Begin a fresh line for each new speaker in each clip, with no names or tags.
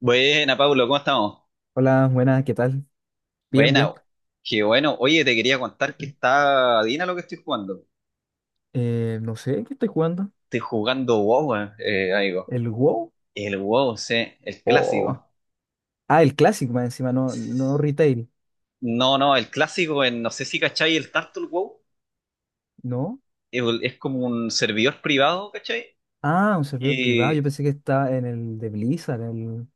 Buena, Pablo, ¿cómo estamos?
Hola, buenas, ¿qué tal? Bien, bien.
Buena, qué bueno. Oye, te quería contar que está Dina lo que estoy jugando.
No sé, ¿qué estoy jugando?
Estoy jugando WoW, amigo.
¿El WoW?
El WoW, sí, el
O...
clásico.
Ah, el clásico más encima, no, no retail,
No, no, el clásico, no sé si cachai el Turtle WoW.
¿no?
Es como un servidor privado, ¿cachai?
Ah, un servidor privado, yo
Y
pensé que estaba en el de Blizzard, el.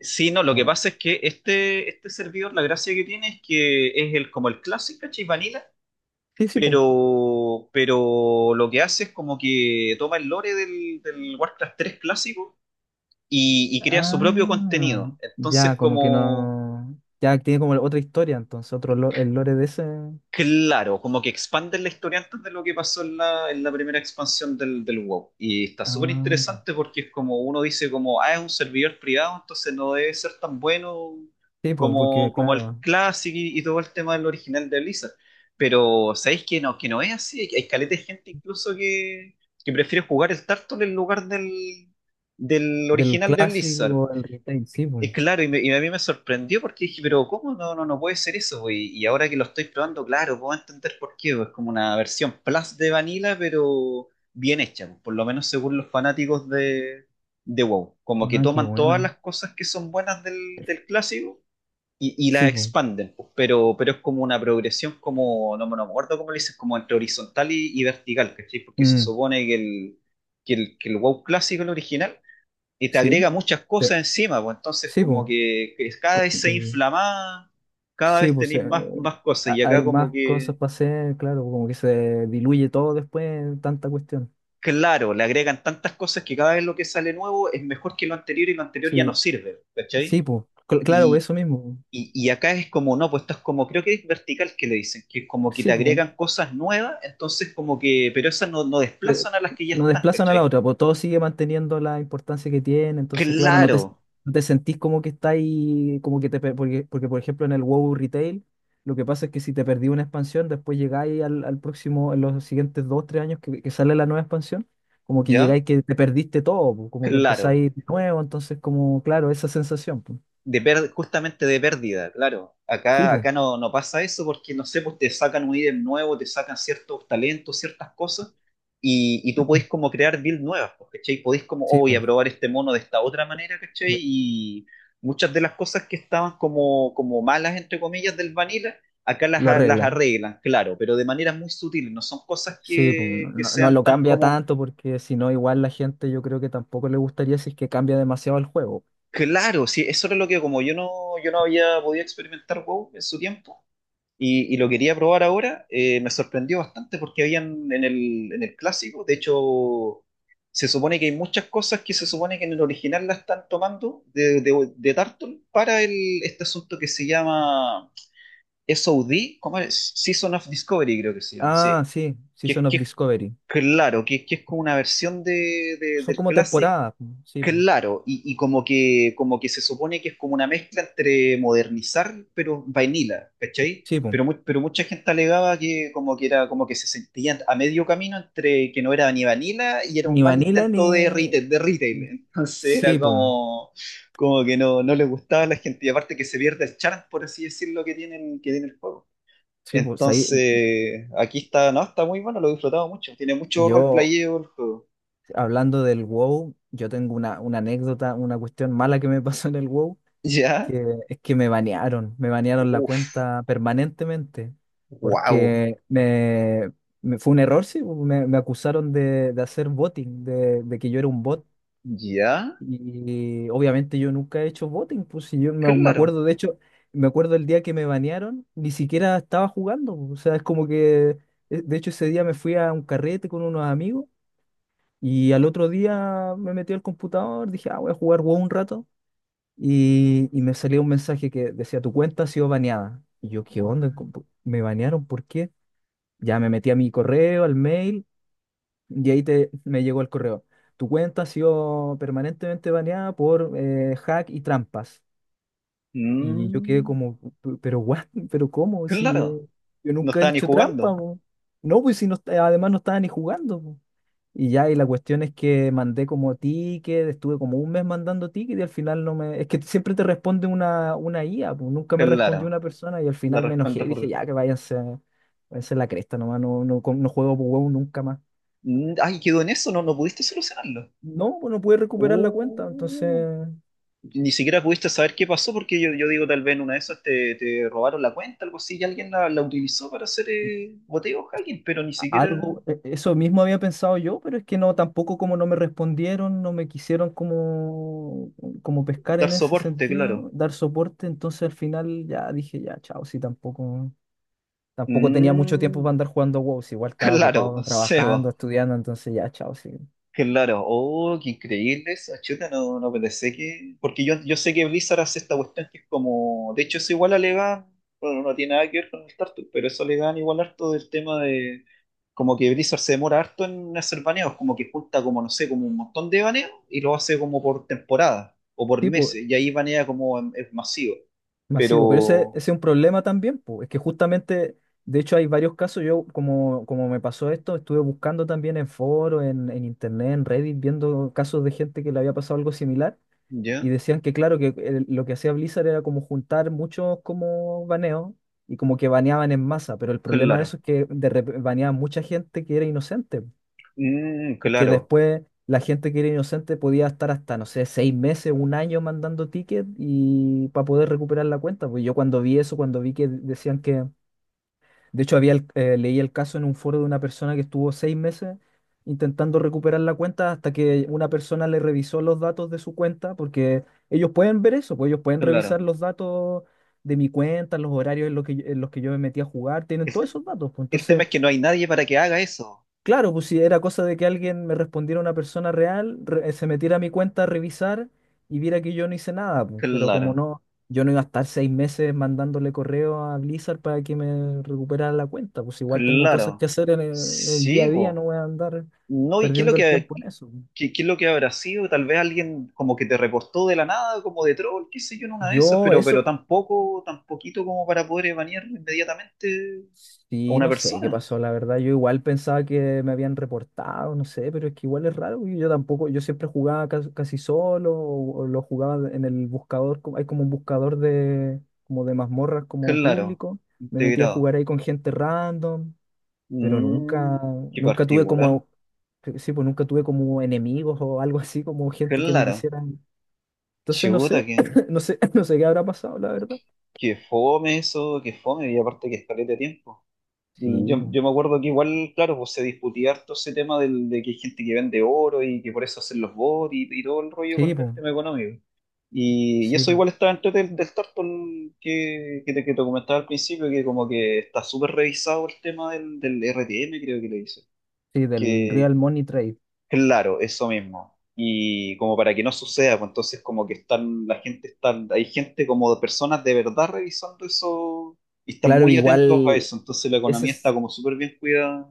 sí, no, lo que
Bueno,
pasa es que este servidor, la gracia que tiene es que es el, como el clásico, ¿cachai? Vanilla.
sí, sí, pues.
Pero lo que hace es como que toma el lore del Warcraft 3 clásico y crea su propio
Ah,
contenido. Entonces,
ya, como que
como,
no. Ya tiene como otra historia, entonces, otro el lore de ese.
claro, como que expanden la historia antes de lo que pasó en la primera expansión del WoW. Y está súper
Ah,
interesante porque es como uno dice como, ah, es un servidor privado, entonces no debe ser tan bueno
sí, pues,
como,
porque
como el
claro,
Classic y todo el tema del original de Blizzard. Pero, ¿sabéis que no es así? Hay caleta de gente incluso que prefiere jugar el Tartle en lugar del, del
del
original de Blizzard.
clásico al retail, sí, pues.
Es claro, y, y a mí me sorprendió porque dije, pero ¿cómo no, no, no puede ser eso, po? Y ahora que lo estoy probando, claro, puedo entender por qué, po. Es como una versión plus de Vanilla, pero bien hecha, po, por lo menos según los fanáticos de WoW. Como que
Ah, qué
toman todas
buena.
las cosas que son buenas del clásico y las
Sí, pues.
expanden, po, pero es como una progresión, como, no, me no me acuerdo cómo le dices, como entre horizontal y vertical, ¿cachai? Porque se
Mm,
supone que el, que el, que el WoW clásico, el original, y te
sí,
agrega muchas
te-
cosas encima, pues entonces
sí,
como
pues.
que cada vez se inflama, cada
Sí,
vez
pues
tenéis más, más cosas y acá
hay
como
más cosas
que,
para hacer, claro, como que se diluye todo después en tanta cuestión.
claro, le agregan tantas cosas que cada vez lo que sale nuevo es mejor que lo anterior y lo anterior ya
Sí,
no sirve, ¿cachai?
sí, pues, claro,
Y,
pues, eso mismo, pues.
y acá es como, no, pues esto es como, creo que es vertical que le dicen, que es como que te
Sí, pues.
agregan cosas nuevas, entonces como que, pero esas no, no
Pero
desplazan a las que ya
no
están,
desplazan a la
¿cachai?
otra, pues todo sigue manteniendo la importancia que tiene, entonces claro, no te,
Claro,
no te sentís como que está ahí, como que te, porque por ejemplo en el WoW Retail, lo que pasa es que si te perdí una expansión, después llegáis al próximo, en los siguientes 2, 3 años que sale la nueva expansión, como que
¿ya?
llegáis que te perdiste todo, pues, como que
Claro.
empezáis de nuevo, entonces como, claro, esa sensación, pues.
Justamente de pérdida, claro.
Sí,
Acá,
pues,
acá no, no pasa eso porque, no sé, pues te sacan un ítem nuevo, te sacan ciertos talentos, ciertas cosas, y tú podés como crear builds nuevas, pues, ¿cachai? Podés como, oh,
sí,
voy a
pues,
probar este mono de esta otra manera, ¿cachai? Y muchas de las cosas que estaban como, como malas, entre comillas, del vanilla, acá las,
lo
las
arregla.
arreglan, claro, pero de maneras muy sutiles, no son cosas
Sí, pues, no,
que
no
sean
lo
tan
cambia
como...
tanto porque si no, igual la gente yo creo que tampoco le gustaría si es que cambia demasiado el juego.
Claro, sí, eso era lo que como yo no, yo no había podido experimentar WoW en su tiempo y lo quería probar ahora, me sorprendió bastante porque habían en el clásico, de hecho, se supone que hay muchas cosas que se supone que en el original la están tomando de Turtle para el, este asunto que se llama SOD, ¿cómo es? Season of Discovery creo que se llama,
Ah,
sí,
sí, Season
que
of
es
Discovery.
claro, que es como una versión de,
Son
del
como
Classic.
temporadas, pues, sí, pues,
Claro, y como que se supone que es como una mezcla entre modernizar, pero vainilla, ¿cachai?
sí, pues.
Pero, pero mucha gente alegaba que como que era, como que se sentían a medio camino entre que no era ni vanilla y era un
Ni
mal
Vanilla
intento de
ni.
retail, de retail. Entonces era
Sí, pues,
como, como que no, no le gustaba a la gente. Y aparte que se pierde el charm, por así decirlo, que tienen, que tiene el juego.
sí, pues. Ahí,
Entonces, aquí está, no, está muy bueno, lo he disfrutado mucho. Tiene mucho
yo,
roleplayeo el juego.
hablando del WoW, yo tengo una, anécdota, una cuestión mala que me pasó en el WoW.
¿Ya?
Que, es que me banearon la
Uf,
cuenta permanentemente,
wow.
porque fue un error, sí, pues, me acusaron de, hacer botting, de que yo era un bot,
Ya,
y obviamente yo nunca he hecho botting, pues si yo me
claro.
acuerdo, de hecho, me acuerdo el día que me banearon, ni siquiera estaba jugando, pues, o sea, es como que, de hecho ese día me fui a un carrete con unos amigos, y al otro día me metí al computador, dije, ah, voy a jugar WoW un rato. Y me salió un mensaje que decía, tu cuenta ha sido baneada. Y yo, ¿qué onda?
Guau.
¿Me banearon? ¿Por qué? Ya me metí a mi correo, al mail, y ahí me llegó el correo. Tu cuenta ha sido permanentemente baneada por hack y trampas. Y yo quedé
Mm,
como, pero what, pero ¿cómo? Si
claro.
yo
No
nunca he
estaba ni
hecho trampa,
jugando.
po". No, pues si no, además no estaba ni jugando. Y ya, y la cuestión es que mandé como ticket, estuve como un mes mandando ticket y al final no me. Es que siempre te responde una, IA, pues nunca me respondió
Claro.
una persona y al
La
final me enojé
respuesta
y dije,
por...
ya, que váyanse, váyanse a la cresta nomás, no, no, no juego por huevo nunca más.
Mm, ay, quedó en eso, no, no pudiste solucionarlo.
No, pues no pude recuperar la cuenta, entonces
Uh, ni siquiera pudiste saber qué pasó porque yo digo, tal vez en una de esas te, te robaron la cuenta, algo así, y alguien la, la utilizó para hacer boteo hacking, pero ni siquiera
algo, eso mismo había pensado yo, pero es que no, tampoco como no me respondieron, no me quisieron como, pescar
dar
en ese
soporte, claro.
sentido, dar soporte, entonces al final ya dije, ya, chao, si tampoco. Tampoco tenía mucho tiempo para
Mm,
andar jugando WoW, si igual estaba
claro,
ocupado trabajando,
Sebo.
estudiando, entonces ya, chao, sí.
Claro, oh, qué increíble eso, chuta, no, no pensé que... Porque yo sé que Blizzard hace esta cuestión que es como... De hecho, eso igual alegan, bueno, no tiene nada que ver con el StarCraft, pero eso alegan igual harto del tema de... Como que Blizzard se demora harto en hacer baneos, como que junta como, no sé, como un montón de baneos y lo hace como por temporada o por
Sí, pues,
meses, y ahí banea como es masivo.
masivo. Pero ese,
Pero,
es un problema también, pues. Es que justamente, de hecho, hay varios casos. Yo, como, me pasó esto, estuve buscando también en foros, en internet, en Reddit, viendo casos de gente que le había pasado algo similar. Y
¿ya?
decían que, claro, que lo que hacía Blizzard era como juntar muchos como baneos y como que baneaban en masa. Pero el problema de
Claro,
eso es que baneaban mucha gente que era inocente.
mm,
Y que
claro,
después la gente que era inocente podía estar hasta, no sé, 6 meses, un año mandando ticket y para poder recuperar la cuenta. Pues yo cuando vi eso, cuando vi que decían que, de hecho, leí el caso en un foro de una persona que estuvo 6 meses intentando recuperar la cuenta hasta que una persona le revisó los datos de su cuenta, porque ellos pueden ver eso, pues ellos pueden revisar
claro.
los datos de mi cuenta, los horarios en los que yo me metí a jugar, tienen todos esos datos. Pues
El tema
entonces.
es que no hay nadie para que haga eso,
Claro, pues si era cosa de que alguien me respondiera una persona real, se metiera a mi cuenta a revisar y viera que yo no hice nada, pues. Pero como
claro.
no, yo no iba a estar 6 meses mandándole correo a Blizzard para que me recuperara la cuenta, pues igual tengo cosas
Claro,
que hacer en el día
sí,
a día, no
po.
voy a andar
No, ¿y qué es lo
perdiendo el
que,
tiempo en eso, pues.
qué, qué es lo que habrá sido? Tal vez alguien como que te reportó de la nada, como de troll, qué sé yo, en una de esas,
Yo
pero
eso,
tampoco, tan poquito como para poder banear inmediatamente a
Sí,
una
no sé qué
persona.
pasó, la verdad. Yo igual pensaba que me habían reportado, no sé, pero es que igual es raro. Yo tampoco, yo siempre jugaba casi solo o lo jugaba en el buscador. Hay como un buscador de, como de mazmorras como
Claro,
público. Me metía a
integrado.
jugar ahí con gente random, pero
Mm,
nunca,
qué
nunca tuve
particular.
como, sí, pues nunca tuve como enemigos o algo así, como gente que me
Claro,
quisieran. Entonces no
chuta,
sé,
qué,
no sé, no sé qué habrá pasado, la verdad.
qué fome eso, qué fome, y aparte que escalete de tiempo. Mm,
Sí,
Yo,
pues,
yo me acuerdo que igual, claro, pues se discutía harto ese tema del, de que hay gente que vende oro y que por eso hacen los bots y todo el rollo
sí,
con el
pues,
tema económico. Y
sí,
eso
pues,
igual está dentro del, del Tarton que te comentaba al principio, que como que está súper revisado el tema del, del RTM, creo que le dice.
sí, del
Que
Real Money Trade.
claro, eso mismo. Y como para que no suceda, pues entonces como que están, la gente está, hay gente como de personas de verdad revisando eso y están
Claro,
muy atentos a
igual
eso. Entonces la
ese
economía está
es-
como súper bien cuidada.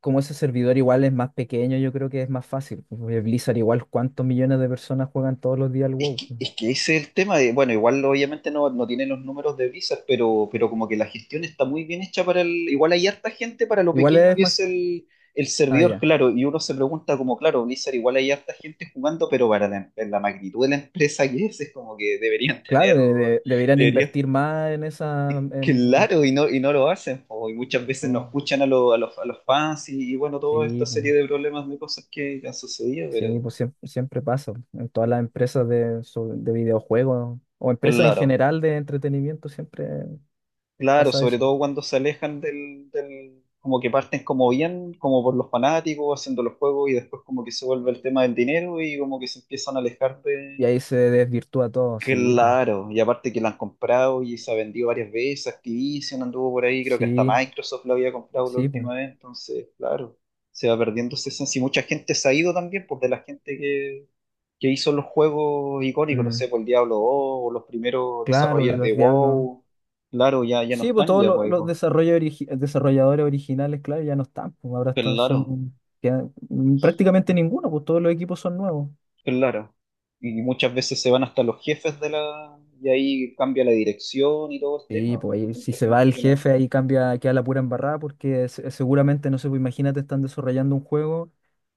como ese servidor igual es más pequeño, yo creo que es más fácil, pues. Porque Blizzard igual cuántos millones de personas juegan todos los días al
Es
WoW.
que, es que ese es el tema de, bueno, igual obviamente no, no tiene los números de visas, pero como que la gestión está muy bien hecha para el, igual hay harta gente para lo
Igual
pequeño
es
que es
más.
el
Ah,
servidor,
ya.
claro, y uno se pregunta como, claro, Blizzard igual hay harta gente jugando, pero para la, la magnitud de la empresa que es como que deberían
Claro,
tener,
deberían
deberían,
invertir más en esa. En.
claro, y no lo hacen, po, y muchas veces no
Oh,
escuchan a, a los fans y bueno, toda esta
sí, pues,
serie de problemas de cosas que han sucedido,
sí,
pero
pues siempre, pasa. En todas las empresas de, sobre- de videojuegos o empresas en
claro.
general de entretenimiento siempre
Claro,
pasa
sobre
eso.
todo cuando se alejan del, del, como que parten como bien, como por los fanáticos, haciendo los juegos y después como que se vuelve el tema del dinero y como que se empiezan a alejar
Y
de...
ahí se desvirtúa todo, sí, pues,
Claro, y aparte que la han comprado y se ha vendido varias veces, Activision anduvo por ahí, creo que hasta
sí,
Microsoft lo había comprado la
sí, pues.
última vez, entonces, claro, se va perdiendo esa esencia y mucha gente se ha ido también, pues de la gente que hizo los juegos icónicos, no sé,
Mm,
por el Diablo 2 o los primeros
claro,
desarrolladores de
los diablos.
WoW, claro, ya, ya no
Sí, pues
están
todos
ya,
los
pues.
los, desarrollo desarrolladores originales, claro, ya no están, pues ahora están,
Claro,
son prácticamente ninguno, pues todos los equipos son nuevos.
claro. Y muchas veces se van hasta los jefes de la... Y ahí cambia la dirección y todo el
Sí,
tema.
pues ahí, si
Encuentro
se va
gente
el
que no.
jefe, ahí cambia, queda la pura embarrada, porque seguramente, no sé, pues imagínate, están desarrollando un juego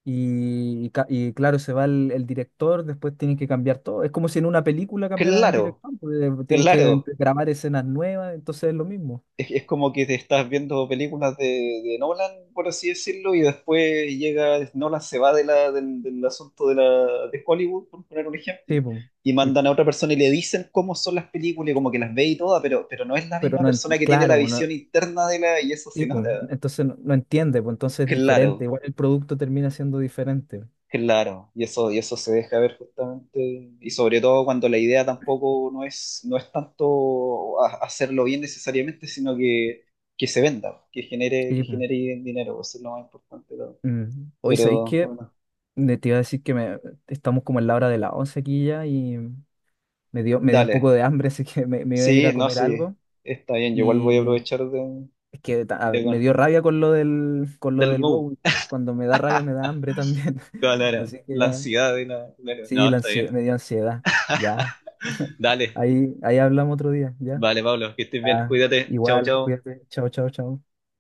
y claro, se va el director, después tienen que cambiar todo. Es como si en una película cambiaran el
Claro,
director, pues, tienen que
claro.
grabar escenas nuevas, entonces es lo mismo.
Es como que te estás viendo películas de Nolan, por así decirlo, y después llega, Nolan se va de la, del, del asunto de, la, de Hollywood, por poner un ejemplo,
Sí, pues.
y
Y-
mandan a otra persona y le dicen cómo son las películas, y como que las ve y todas, pero no es la
pero
misma
no,
persona que tiene la
claro, pues,
visión
no.
interna de la, y eso se
Sí, pues,
nota.
entonces no entiende, pues entonces es diferente,
Claro.
igual el producto termina siendo diferente.
Claro, y eso se deja ver justamente, y sobre todo cuando la idea tampoco no es, no es tanto hacerlo bien necesariamente, sino que se venda, que
Sí, pues.
genere dinero, eso es lo más importante, ¿no?
Mm. Hoy, ¿sabéis
Pero
qué?
bueno,
Te iba a decir que estamos como en la hora de las 11 aquí ya y me dio, un poco
dale,
de hambre, así que me iba a ir a
sí, no,
comer
sí,
algo
está bien, yo igual voy a
y
aprovechar de,
es que ah,
de
me
con-
dio rabia con lo del, con lo
del
del
wow,
WoW. Cuando me da rabia me da hambre también.
claro,
Así que
la
ya,
ansiedad y la, claro,
sí,
no,
la
está
ansiedad,
bien.
me dio ansiedad. Ya,
Dale,
ahí, hablamos otro día, ya.
vale, Pablo, que estés bien,
Ah,
cuídate, chao,
igual,
chao.
cuídate. Chao, chao, chao.